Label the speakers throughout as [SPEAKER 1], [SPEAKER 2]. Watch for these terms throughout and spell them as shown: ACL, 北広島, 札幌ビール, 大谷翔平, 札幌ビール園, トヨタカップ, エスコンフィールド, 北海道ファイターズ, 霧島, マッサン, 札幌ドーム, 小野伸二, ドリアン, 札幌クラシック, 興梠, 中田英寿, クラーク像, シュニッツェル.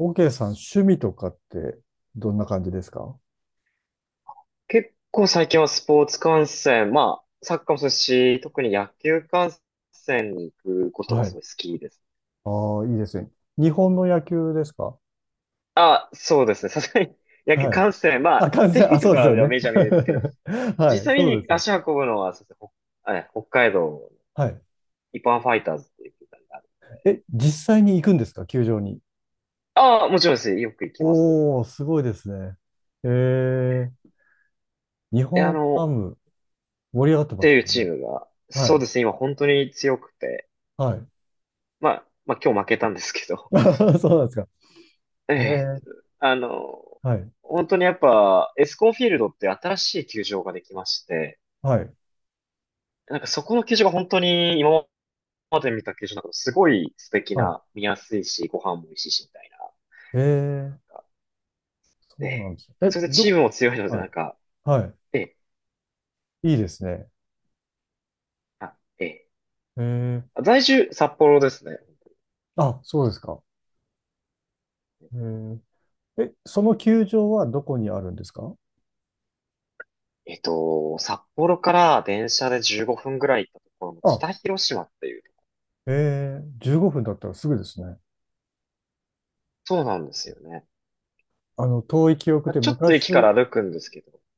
[SPEAKER 1] OK さん、趣味とかってどんな感じですか？
[SPEAKER 2] 結構最近はスポーツ観戦、まあ、サッカーもそうですし、特に野球観戦に行くこと
[SPEAKER 1] は
[SPEAKER 2] が
[SPEAKER 1] い。
[SPEAKER 2] すごい好きです。
[SPEAKER 1] ああ、いいですね。日本の野球ですか？
[SPEAKER 2] あ、そうですね。さすがに 野球
[SPEAKER 1] はい。
[SPEAKER 2] 観戦、ま
[SPEAKER 1] あ、
[SPEAKER 2] あ、
[SPEAKER 1] 観
[SPEAKER 2] テレ
[SPEAKER 1] 戦、あ、
[SPEAKER 2] ビと
[SPEAKER 1] そうです
[SPEAKER 2] か
[SPEAKER 1] よ
[SPEAKER 2] では
[SPEAKER 1] ね。
[SPEAKER 2] メジャー見るんですけど、
[SPEAKER 1] はい、
[SPEAKER 2] 実際
[SPEAKER 1] そう
[SPEAKER 2] に
[SPEAKER 1] ですね。
[SPEAKER 2] 足運ぶのは、そうですね、北海道の
[SPEAKER 1] はい。
[SPEAKER 2] 一般ファイターズっていう球団がある。
[SPEAKER 1] え、実際に行くんですか球場に？
[SPEAKER 2] ああ、もちろんです。よく行きます。
[SPEAKER 1] おー、すごいですね。えー、日
[SPEAKER 2] え、あ
[SPEAKER 1] 本ハ
[SPEAKER 2] の、
[SPEAKER 1] ム盛り上がって
[SPEAKER 2] っ
[SPEAKER 1] ま
[SPEAKER 2] て
[SPEAKER 1] す
[SPEAKER 2] いう
[SPEAKER 1] もん
[SPEAKER 2] チー
[SPEAKER 1] ね。
[SPEAKER 2] ムが、
[SPEAKER 1] は
[SPEAKER 2] そうで
[SPEAKER 1] い、
[SPEAKER 2] すね、今本当に強くて、
[SPEAKER 1] はい。
[SPEAKER 2] まあ、まあ今日負けたんですけど、
[SPEAKER 1] そうなんですか？
[SPEAKER 2] え
[SPEAKER 1] え
[SPEAKER 2] え、
[SPEAKER 1] ー、
[SPEAKER 2] あの、
[SPEAKER 1] はい、
[SPEAKER 2] 本当にやっぱ、エスコンフィールドって新しい球場ができまして、
[SPEAKER 1] はい、
[SPEAKER 2] なんかそこの球場が本当に今まで見た球場の中でもすごい素敵
[SPEAKER 1] はい。
[SPEAKER 2] な、見やすいし、ご飯も美味しいし、みたいな。
[SPEAKER 1] えー、
[SPEAKER 2] え
[SPEAKER 1] そうなん
[SPEAKER 2] え、
[SPEAKER 1] です。え、
[SPEAKER 2] それでチームも強いので、
[SPEAKER 1] は
[SPEAKER 2] な
[SPEAKER 1] い、
[SPEAKER 2] んか、
[SPEAKER 1] は
[SPEAKER 2] ええ、
[SPEAKER 1] い。いいですね。
[SPEAKER 2] あ、ええ、
[SPEAKER 1] えー、
[SPEAKER 2] 在住、札幌ですね。
[SPEAKER 1] あ、そうですか？えーえ、その球場はどこにあるんですか？
[SPEAKER 2] 札幌から電車で15分ぐらい行ったところの
[SPEAKER 1] あ、
[SPEAKER 2] 北広島って。
[SPEAKER 1] 15分だったらすぐですね。あの、遠い記憶で昔、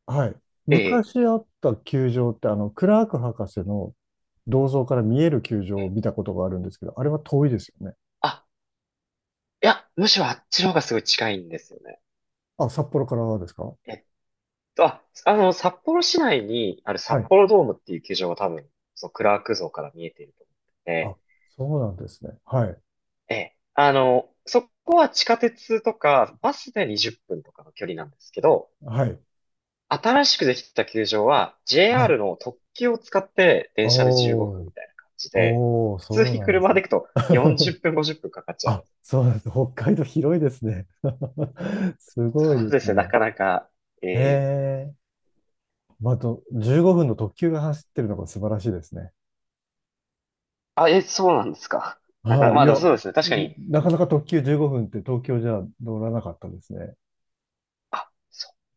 [SPEAKER 1] はい。昔あった球場って、あの、クラーク博士の銅像から見える球場を見たことがあるんですけど、あれは遠いですよね。
[SPEAKER 2] いや、むしろあっちの方がすごい近いんですよね。
[SPEAKER 1] あ、札幌からですか？
[SPEAKER 2] えっ札幌市内にある札
[SPEAKER 1] はい。
[SPEAKER 2] 幌ドームっていう球場が多分、そのクラーク像から見えていると思っ
[SPEAKER 1] あ、
[SPEAKER 2] てて、
[SPEAKER 1] そうなんですね。はい。
[SPEAKER 2] ええ、そこは地下鉄とかバスで20分とかの距離なんですけど、
[SPEAKER 1] はい。
[SPEAKER 2] 新しくできた球場は
[SPEAKER 1] はい。
[SPEAKER 2] JR の特急を使って電車で15
[SPEAKER 1] お
[SPEAKER 2] 分
[SPEAKER 1] ー、
[SPEAKER 2] みたいな感じで、
[SPEAKER 1] おー、
[SPEAKER 2] 普通
[SPEAKER 1] そう
[SPEAKER 2] に
[SPEAKER 1] なんです
[SPEAKER 2] 車で
[SPEAKER 1] ね。
[SPEAKER 2] 行くと40 分、50分かかっちゃいま
[SPEAKER 1] あ、
[SPEAKER 2] す。
[SPEAKER 1] そうなんです。北海道広いですね。すご
[SPEAKER 2] そ
[SPEAKER 1] い
[SPEAKER 2] う
[SPEAKER 1] で
[SPEAKER 2] で
[SPEAKER 1] す
[SPEAKER 2] すね、な
[SPEAKER 1] ね。
[SPEAKER 2] かなか、ええ、
[SPEAKER 1] ええ、まあ、あと、15分の特急が走ってるのが素晴らしいですね。
[SPEAKER 2] あ、そうなんですか。なかな
[SPEAKER 1] は
[SPEAKER 2] か、
[SPEAKER 1] い。
[SPEAKER 2] ま
[SPEAKER 1] い
[SPEAKER 2] あでも
[SPEAKER 1] や、
[SPEAKER 2] そうですね。確かに。
[SPEAKER 1] なかなか特急15分って東京じゃ乗らなかったですね。
[SPEAKER 2] あ、そう。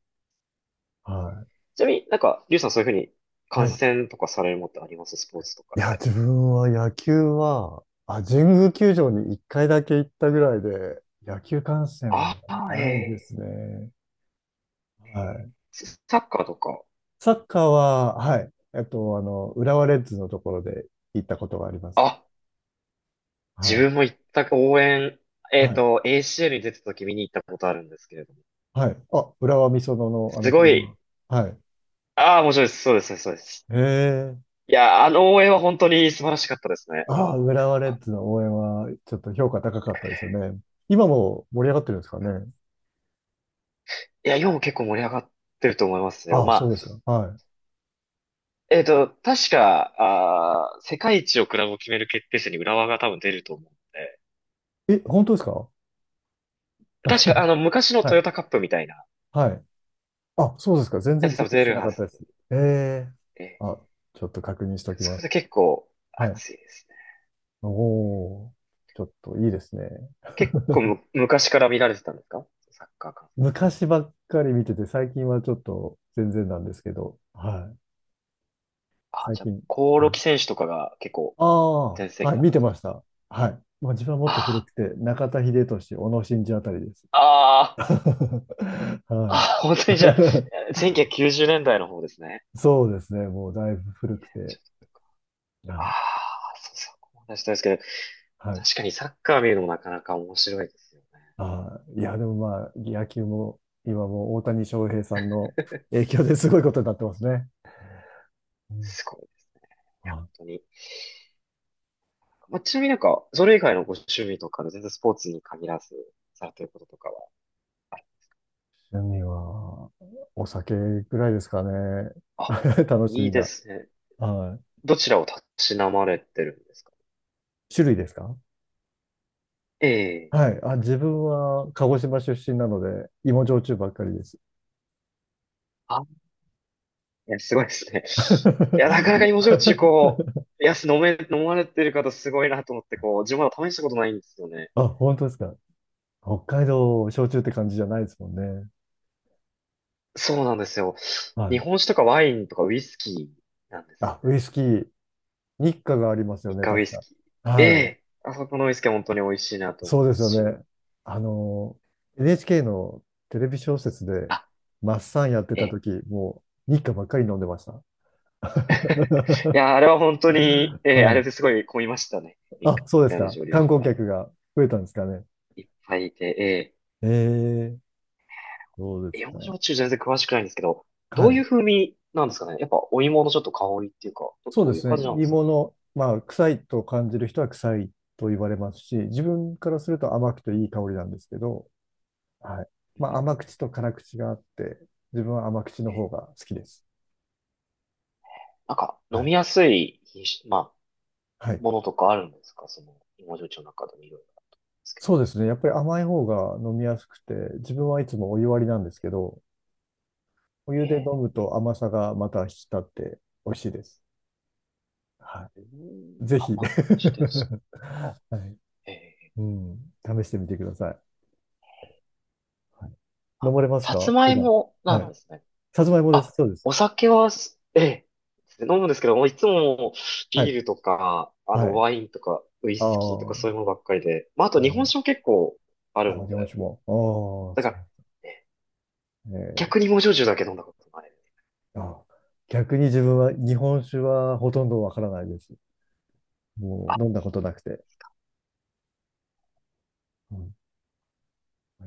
[SPEAKER 1] は
[SPEAKER 2] ちなみになんか、リュウさんそういうふうに
[SPEAKER 1] い。
[SPEAKER 2] 観
[SPEAKER 1] はい。
[SPEAKER 2] 戦とかされるものってありますスポーツとか
[SPEAKER 1] いや、
[SPEAKER 2] で。
[SPEAKER 1] 自分は野球は、あ、神宮球場に1回だけ行ったぐらいで、野球観戦は
[SPEAKER 2] あ
[SPEAKER 1] ないです
[SPEAKER 2] あ、ええ、
[SPEAKER 1] ね。はい。
[SPEAKER 2] サッカーとか。
[SPEAKER 1] サッカーは、はい。あの、浦和レッズのところで行ったことがあります。
[SPEAKER 2] あ、
[SPEAKER 1] は
[SPEAKER 2] 自
[SPEAKER 1] い。
[SPEAKER 2] 分も行った応援、
[SPEAKER 1] はい。
[SPEAKER 2] ACL に出てた時見に行ったことあるんですけれども。
[SPEAKER 1] はい。あ、浦和美園の、あの
[SPEAKER 2] す
[SPEAKER 1] 球
[SPEAKER 2] ご
[SPEAKER 1] 場。
[SPEAKER 2] い、
[SPEAKER 1] はい。
[SPEAKER 2] ああ、面白いです。そうです、そうです。
[SPEAKER 1] へえ。
[SPEAKER 2] いや、あの応援は本当に素晴らしかったですね。浦
[SPEAKER 1] あ
[SPEAKER 2] 和
[SPEAKER 1] あ、
[SPEAKER 2] の応援
[SPEAKER 1] 浦和レ
[SPEAKER 2] は。
[SPEAKER 1] ッズの応援は、ちょっと評価高かったですよね。今も盛り上がってるんですかね。
[SPEAKER 2] いや、今も結構盛り上がってると思いますよ。
[SPEAKER 1] ああ、
[SPEAKER 2] ま
[SPEAKER 1] そう
[SPEAKER 2] あ、
[SPEAKER 1] ですか。は
[SPEAKER 2] 確か、世界一をクラブを決める決定戦に浦和が多分出ると思うんで。
[SPEAKER 1] い。え、本当ですか？
[SPEAKER 2] 確 か、昔の
[SPEAKER 1] は
[SPEAKER 2] トヨ
[SPEAKER 1] い。
[SPEAKER 2] タカップみたいな
[SPEAKER 1] はい。あ、そうですか。全
[SPEAKER 2] や
[SPEAKER 1] 然
[SPEAKER 2] つ
[SPEAKER 1] チ
[SPEAKER 2] 多
[SPEAKER 1] ェッ
[SPEAKER 2] 分
[SPEAKER 1] ク
[SPEAKER 2] 出
[SPEAKER 1] して
[SPEAKER 2] る
[SPEAKER 1] なか
[SPEAKER 2] は
[SPEAKER 1] ったで
[SPEAKER 2] ず
[SPEAKER 1] す。ええ。
[SPEAKER 2] で、
[SPEAKER 1] あ、ちょっと確認しておき
[SPEAKER 2] そ
[SPEAKER 1] ま
[SPEAKER 2] れ
[SPEAKER 1] す。
[SPEAKER 2] で結構
[SPEAKER 1] はい。
[SPEAKER 2] 熱いです
[SPEAKER 1] おお、ちょっといいですね。
[SPEAKER 2] ね。結構昔から見られてたんですか？サッカー観戦。
[SPEAKER 1] 昔ばっかり見てて、最近はちょっと全然なんですけど、はい。
[SPEAKER 2] あ、
[SPEAKER 1] 最
[SPEAKER 2] じゃあ、
[SPEAKER 1] 近。
[SPEAKER 2] 興
[SPEAKER 1] は
[SPEAKER 2] 梠
[SPEAKER 1] い。
[SPEAKER 2] 選手とかが結構
[SPEAKER 1] ああ、
[SPEAKER 2] 全盛期
[SPEAKER 1] はい、
[SPEAKER 2] だっ
[SPEAKER 1] 見
[SPEAKER 2] た
[SPEAKER 1] て
[SPEAKER 2] と。
[SPEAKER 1] ました。はい。まあ、自分はもっと古
[SPEAKER 2] あ
[SPEAKER 1] くて、中田英寿、小野伸二あたりです。
[SPEAKER 2] あ、ああ、あ
[SPEAKER 1] はい。
[SPEAKER 2] あ、本当にじゃ あ、1990年代の方ですね。
[SPEAKER 1] そうですね。もうだいぶ
[SPEAKER 2] にせん
[SPEAKER 1] 古
[SPEAKER 2] ね
[SPEAKER 1] く
[SPEAKER 2] んち
[SPEAKER 1] て。
[SPEAKER 2] ょっとか。
[SPEAKER 1] は
[SPEAKER 2] あ
[SPEAKER 1] い。
[SPEAKER 2] あ、そうそう、思したですけど、
[SPEAKER 1] はい。
[SPEAKER 2] 確かにサッカー見るのもなかなか面白いですよね。
[SPEAKER 1] あー、いや、でもまあ、野球も今もう大谷翔平さんの 影響で すごいことになってますね。うん。
[SPEAKER 2] すごい、本
[SPEAKER 1] あ、
[SPEAKER 2] 当に。まあ、ちなみになんか、それ以外のご趣味とかで全然スポーツに限らずされてることとかは、ある、
[SPEAKER 1] 趣味は、お酒ぐらいですかね。
[SPEAKER 2] あ、
[SPEAKER 1] 楽し
[SPEAKER 2] いい
[SPEAKER 1] み
[SPEAKER 2] で
[SPEAKER 1] が。
[SPEAKER 2] すね。
[SPEAKER 1] は
[SPEAKER 2] どちらをたしなまれてるんですか？
[SPEAKER 1] い。種類ですか？
[SPEAKER 2] ええ、
[SPEAKER 1] はい。あ、自分は鹿児島出身なので、芋焼酎ばっかりです。
[SPEAKER 2] あ、いや、すごいですね。いや、なかなか芋焼酎こ う、いや、飲まれてる方すごいなと思って、こう、自分はまだ試したことないんですよね。
[SPEAKER 1] あ、本当ですか？北海道焼酎って感じじゃないですもんね。
[SPEAKER 2] そうなんですよ。
[SPEAKER 1] は
[SPEAKER 2] 日
[SPEAKER 1] い。
[SPEAKER 2] 本酒とかワインとかウイスキーなんですよ
[SPEAKER 1] あ、ウイ
[SPEAKER 2] ね。
[SPEAKER 1] スキー、日課がありますよ
[SPEAKER 2] 日
[SPEAKER 1] ね、
[SPEAKER 2] 韓ウ
[SPEAKER 1] 確
[SPEAKER 2] イス
[SPEAKER 1] か。
[SPEAKER 2] キー。え
[SPEAKER 1] はい。
[SPEAKER 2] え、あそこのウイスキーは本当に美味しいなと思い
[SPEAKER 1] そ
[SPEAKER 2] ま
[SPEAKER 1] うです
[SPEAKER 2] す
[SPEAKER 1] よ
[SPEAKER 2] し。
[SPEAKER 1] ね。あの、NHK のテレビ小説で、
[SPEAKER 2] あ、
[SPEAKER 1] マッサンやって
[SPEAKER 2] え
[SPEAKER 1] た
[SPEAKER 2] え、
[SPEAKER 1] 時、もう日課ばっかり飲んでました。
[SPEAKER 2] い や、あれは本当に、ええ、
[SPEAKER 1] は
[SPEAKER 2] あれ
[SPEAKER 1] い。
[SPEAKER 2] ですごい混みましたね。一
[SPEAKER 1] あ、そうです
[SPEAKER 2] 回の
[SPEAKER 1] か？
[SPEAKER 2] 蒸留
[SPEAKER 1] 観
[SPEAKER 2] 所
[SPEAKER 1] 光
[SPEAKER 2] は。
[SPEAKER 1] 客が増えたんですかね。
[SPEAKER 2] いっぱいいて、え
[SPEAKER 1] ええ、そうで
[SPEAKER 2] え、
[SPEAKER 1] すか。
[SPEAKER 2] 芋焼中全然詳しくないんですけど、ど
[SPEAKER 1] は
[SPEAKER 2] うい
[SPEAKER 1] い。
[SPEAKER 2] う風味なんですかね？やっぱお芋のちょっと香りっていうか、
[SPEAKER 1] そう
[SPEAKER 2] ど
[SPEAKER 1] で
[SPEAKER 2] ういう
[SPEAKER 1] す
[SPEAKER 2] 感
[SPEAKER 1] ね。
[SPEAKER 2] じなんですか？
[SPEAKER 1] 芋の、まあ、臭いと感じる人は臭いと言われますし、自分からすると甘くていい香りなんですけど、はい。
[SPEAKER 2] う
[SPEAKER 1] まあ、甘
[SPEAKER 2] ん。
[SPEAKER 1] 口と辛口があって、自分は甘口の
[SPEAKER 2] え
[SPEAKER 1] 方
[SPEAKER 2] え、
[SPEAKER 1] が好きです。
[SPEAKER 2] なんか
[SPEAKER 1] は
[SPEAKER 2] 飲み
[SPEAKER 1] い。
[SPEAKER 2] やすい品種、ま
[SPEAKER 1] は
[SPEAKER 2] あ、
[SPEAKER 1] い。
[SPEAKER 2] ものとかあるんですか？その芋焼酎の中でもいろいろあるんですけど。
[SPEAKER 1] そうですね。やっぱり甘い方が飲みやすくて、自分はいつもお湯割りなんですけど、お湯
[SPEAKER 2] え
[SPEAKER 1] で飲
[SPEAKER 2] え、
[SPEAKER 1] むと甘さがまた引き立って美味しいです。は
[SPEAKER 2] う
[SPEAKER 1] い。
[SPEAKER 2] ん、
[SPEAKER 1] ぜひ。
[SPEAKER 2] 甘口で す
[SPEAKER 1] は
[SPEAKER 2] か？
[SPEAKER 1] い。
[SPEAKER 2] ええ、
[SPEAKER 1] うん。試してみてください。はい、飲まれます
[SPEAKER 2] さつ
[SPEAKER 1] か
[SPEAKER 2] ま
[SPEAKER 1] 普
[SPEAKER 2] い
[SPEAKER 1] 段？
[SPEAKER 2] もな
[SPEAKER 1] は
[SPEAKER 2] ん
[SPEAKER 1] い。
[SPEAKER 2] ですね。
[SPEAKER 1] さつまいもです。そうです。
[SPEAKER 2] お酒はええ、飲むんですけど、もういつも
[SPEAKER 1] は
[SPEAKER 2] ビー
[SPEAKER 1] い。
[SPEAKER 2] ルとか、
[SPEAKER 1] はい。
[SPEAKER 2] ワインとか、ウイ
[SPEAKER 1] ああ、
[SPEAKER 2] スキーとかそういうものばっかりで、まあ、あと
[SPEAKER 1] な
[SPEAKER 2] 日
[SPEAKER 1] るほ
[SPEAKER 2] 本
[SPEAKER 1] ど。
[SPEAKER 2] 酒も結構あ
[SPEAKER 1] あ
[SPEAKER 2] る
[SPEAKER 1] あ、
[SPEAKER 2] の
[SPEAKER 1] 日
[SPEAKER 2] で、
[SPEAKER 1] 本酒も。ああ、
[SPEAKER 2] だか
[SPEAKER 1] そ
[SPEAKER 2] ら、え
[SPEAKER 1] うね。
[SPEAKER 2] 逆に芋焼酎だけ飲んだことない。
[SPEAKER 1] あ、逆に自分は日本酒はほとんどわからないです。も
[SPEAKER 2] あ、
[SPEAKER 1] う飲んだことなくて。うん、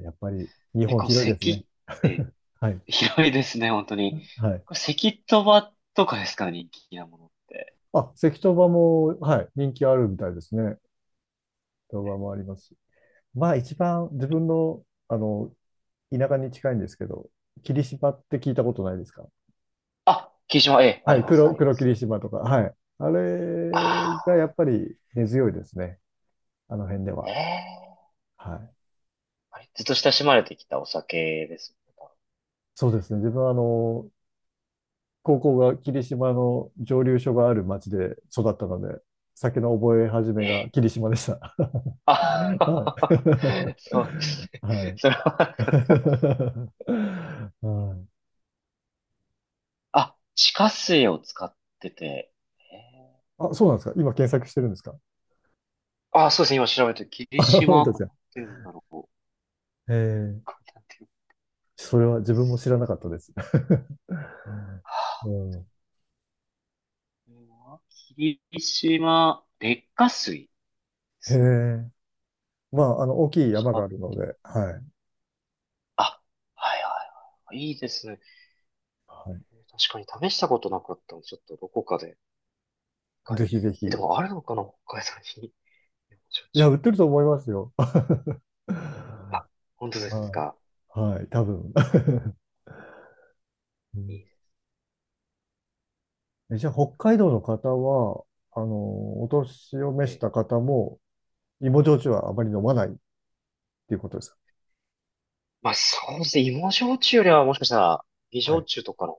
[SPEAKER 1] やっぱり日
[SPEAKER 2] 結
[SPEAKER 1] 本
[SPEAKER 2] 構
[SPEAKER 1] 広いですね。
[SPEAKER 2] 咳って
[SPEAKER 1] はい。
[SPEAKER 2] 広いですね、本当に。
[SPEAKER 1] はい。
[SPEAKER 2] これ咳とばとかですか、人気なものって。
[SPEAKER 1] あ、関東場も、はい、人気あるみたいですね。関東場もありますし。まあ一番自分の、あの、田舎に近いんですけど、霧島って聞いたことないですか？
[SPEAKER 2] あ、霧島、ええ、あ
[SPEAKER 1] は
[SPEAKER 2] り
[SPEAKER 1] い、
[SPEAKER 2] ます、あ
[SPEAKER 1] 黒、
[SPEAKER 2] りま
[SPEAKER 1] 黒霧
[SPEAKER 2] す。
[SPEAKER 1] 島とか。はい。あれ
[SPEAKER 2] あ
[SPEAKER 1] がやっぱり根強いですね。あの辺で
[SPEAKER 2] あ、え
[SPEAKER 1] は。
[SPEAKER 2] え、
[SPEAKER 1] はい。
[SPEAKER 2] あれずっと親しまれてきたお酒ですね。
[SPEAKER 1] そうですね。自分はあの、高校が霧島の蒸留所がある町で育ったので、酒の覚え始めが
[SPEAKER 2] ええ、
[SPEAKER 1] 霧島でした。は
[SPEAKER 2] あ、
[SPEAKER 1] い。
[SPEAKER 2] そうで す
[SPEAKER 1] は
[SPEAKER 2] ね。
[SPEAKER 1] い。
[SPEAKER 2] それはなん か、
[SPEAKER 1] はい。
[SPEAKER 2] あ、地下水を使ってて、えー
[SPEAKER 1] あ、そうなんですか？今検索してるんですか？
[SPEAKER 2] あ、そうですね。今調べて、
[SPEAKER 1] あ、
[SPEAKER 2] 霧
[SPEAKER 1] 本
[SPEAKER 2] 島、
[SPEAKER 1] 当で
[SPEAKER 2] こ
[SPEAKER 1] す
[SPEAKER 2] れ
[SPEAKER 1] か？
[SPEAKER 2] なんて読むんだろう。こ
[SPEAKER 1] ええ、
[SPEAKER 2] れなんて読む？
[SPEAKER 1] それは自分も知らな
[SPEAKER 2] 水
[SPEAKER 1] かったです。
[SPEAKER 2] は、
[SPEAKER 1] う
[SPEAKER 2] あ、
[SPEAKER 1] ん。
[SPEAKER 2] これは霧島、劣化水で
[SPEAKER 1] へ
[SPEAKER 2] すね。
[SPEAKER 1] え。まあ、あの、大きい山
[SPEAKER 2] 使
[SPEAKER 1] が
[SPEAKER 2] っ
[SPEAKER 1] あるの
[SPEAKER 2] てい、
[SPEAKER 1] で、はい。
[SPEAKER 2] あ、はいはいはい。いいですね。
[SPEAKER 1] は
[SPEAKER 2] 確かに試したことなかったので、ちょっとどこかで。一
[SPEAKER 1] い。
[SPEAKER 2] 回、
[SPEAKER 1] ぜひぜひ。
[SPEAKER 2] で
[SPEAKER 1] い
[SPEAKER 2] もあるのかな北海道に。焼
[SPEAKER 1] や、売っ
[SPEAKER 2] 酎。
[SPEAKER 1] てると思いますよ。
[SPEAKER 2] あ、
[SPEAKER 1] は
[SPEAKER 2] 本当ですか。
[SPEAKER 1] い。はい。多分。う
[SPEAKER 2] いい
[SPEAKER 1] ん。
[SPEAKER 2] ね。
[SPEAKER 1] じゃあ、北海道の方は、あの、お年を召し
[SPEAKER 2] え
[SPEAKER 1] た方も、芋焼酎はあまり飲まないっていうことです
[SPEAKER 2] まあそうですね。芋焼酎よりはもしかしたら、美
[SPEAKER 1] か？は
[SPEAKER 2] 焼
[SPEAKER 1] い。
[SPEAKER 2] 酎とかのメ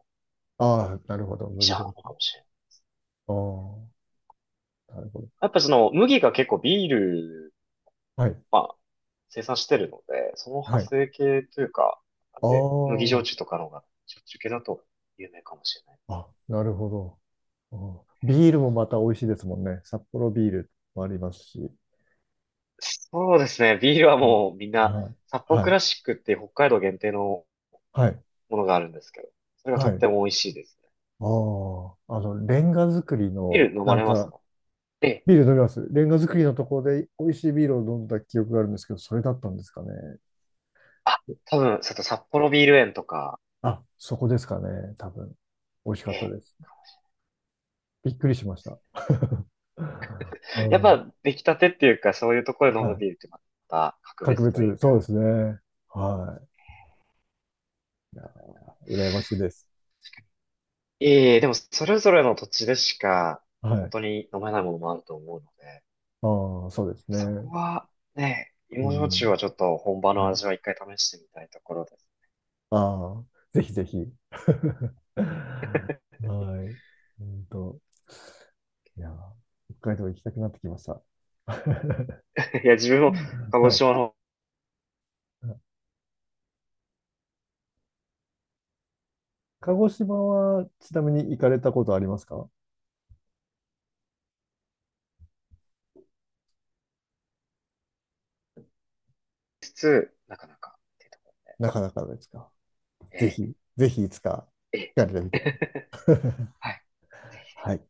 [SPEAKER 1] ああ、なるほど。
[SPEAKER 2] ジ
[SPEAKER 1] 麦
[SPEAKER 2] ャー
[SPEAKER 1] 焼
[SPEAKER 2] なの
[SPEAKER 1] 酎。
[SPEAKER 2] かもしれない。
[SPEAKER 1] ああ、なるほど。
[SPEAKER 2] やっぱその麦が結構ビール
[SPEAKER 1] はい。
[SPEAKER 2] 生産してるので、その派
[SPEAKER 1] はい。あ
[SPEAKER 2] 生系というか、で、麦
[SPEAKER 1] あ、
[SPEAKER 2] 焼酎とかの方が焼酎系だと有名かもしれないで
[SPEAKER 1] あ、なるほど。ああ、ビールもまた美味しいですもんね。札幌ビールもありますし。
[SPEAKER 2] す。そうですね。ビールは
[SPEAKER 1] うん。
[SPEAKER 2] もうみんな、
[SPEAKER 1] はい。
[SPEAKER 2] 札幌
[SPEAKER 1] は
[SPEAKER 2] ク
[SPEAKER 1] い。
[SPEAKER 2] ラシックっていう北海道限定の
[SPEAKER 1] はい。
[SPEAKER 2] ものがあるんですけど、それがと
[SPEAKER 1] は
[SPEAKER 2] って
[SPEAKER 1] い。
[SPEAKER 2] も美味しいですね。
[SPEAKER 1] ああ、あの、レンガ作り
[SPEAKER 2] ビ
[SPEAKER 1] の、
[SPEAKER 2] ール飲
[SPEAKER 1] な
[SPEAKER 2] ま
[SPEAKER 1] ん
[SPEAKER 2] れます
[SPEAKER 1] か、
[SPEAKER 2] か？ええ。
[SPEAKER 1] ビール飲みます。レンガ作りのところで美味しいビールを飲んだ記憶があるんですけど、それだったんですかね。
[SPEAKER 2] あ、多分、ちょっと札幌ビール園とか、
[SPEAKER 1] あ、そこですかね。多分。美味しかっ
[SPEAKER 2] え
[SPEAKER 1] た
[SPEAKER 2] え、
[SPEAKER 1] です。びっくりしました。う
[SPEAKER 2] やっ
[SPEAKER 1] ん。
[SPEAKER 2] ぱ出来たてっていうか、そういうところで飲
[SPEAKER 1] は
[SPEAKER 2] む
[SPEAKER 1] い。
[SPEAKER 2] ビールってまた格
[SPEAKER 1] 格
[SPEAKER 2] 別という
[SPEAKER 1] 別、そう
[SPEAKER 2] か。
[SPEAKER 1] ですね。はい。いや、羨ましいです。
[SPEAKER 2] ええ、でもそれぞれの土地でしか、もう
[SPEAKER 1] は
[SPEAKER 2] 本
[SPEAKER 1] い。
[SPEAKER 2] 当に飲めないものもあると思うので、
[SPEAKER 1] ああ、そうです
[SPEAKER 2] そこ
[SPEAKER 1] ね。
[SPEAKER 2] はね、
[SPEAKER 1] う
[SPEAKER 2] 芋焼酎
[SPEAKER 1] ん。
[SPEAKER 2] はちょっと本場の
[SPEAKER 1] はい。
[SPEAKER 2] 味は一回試してみたいところです。
[SPEAKER 1] ああ、ぜひぜひ。はい。うんと。いや、北海道行きたくなってきました。
[SPEAKER 2] いや、自分も鹿児
[SPEAKER 1] はい。
[SPEAKER 2] 島の方
[SPEAKER 1] 鹿児島はちなみに行かれたことありますか？
[SPEAKER 2] にしつつ、なかなかっていうところ。
[SPEAKER 1] なかなかですか？ぜ
[SPEAKER 2] え
[SPEAKER 1] ひ、ぜひいつか
[SPEAKER 2] え、え
[SPEAKER 1] 行かれてみ
[SPEAKER 2] え。
[SPEAKER 1] てください。
[SPEAKER 2] はい
[SPEAKER 1] はい。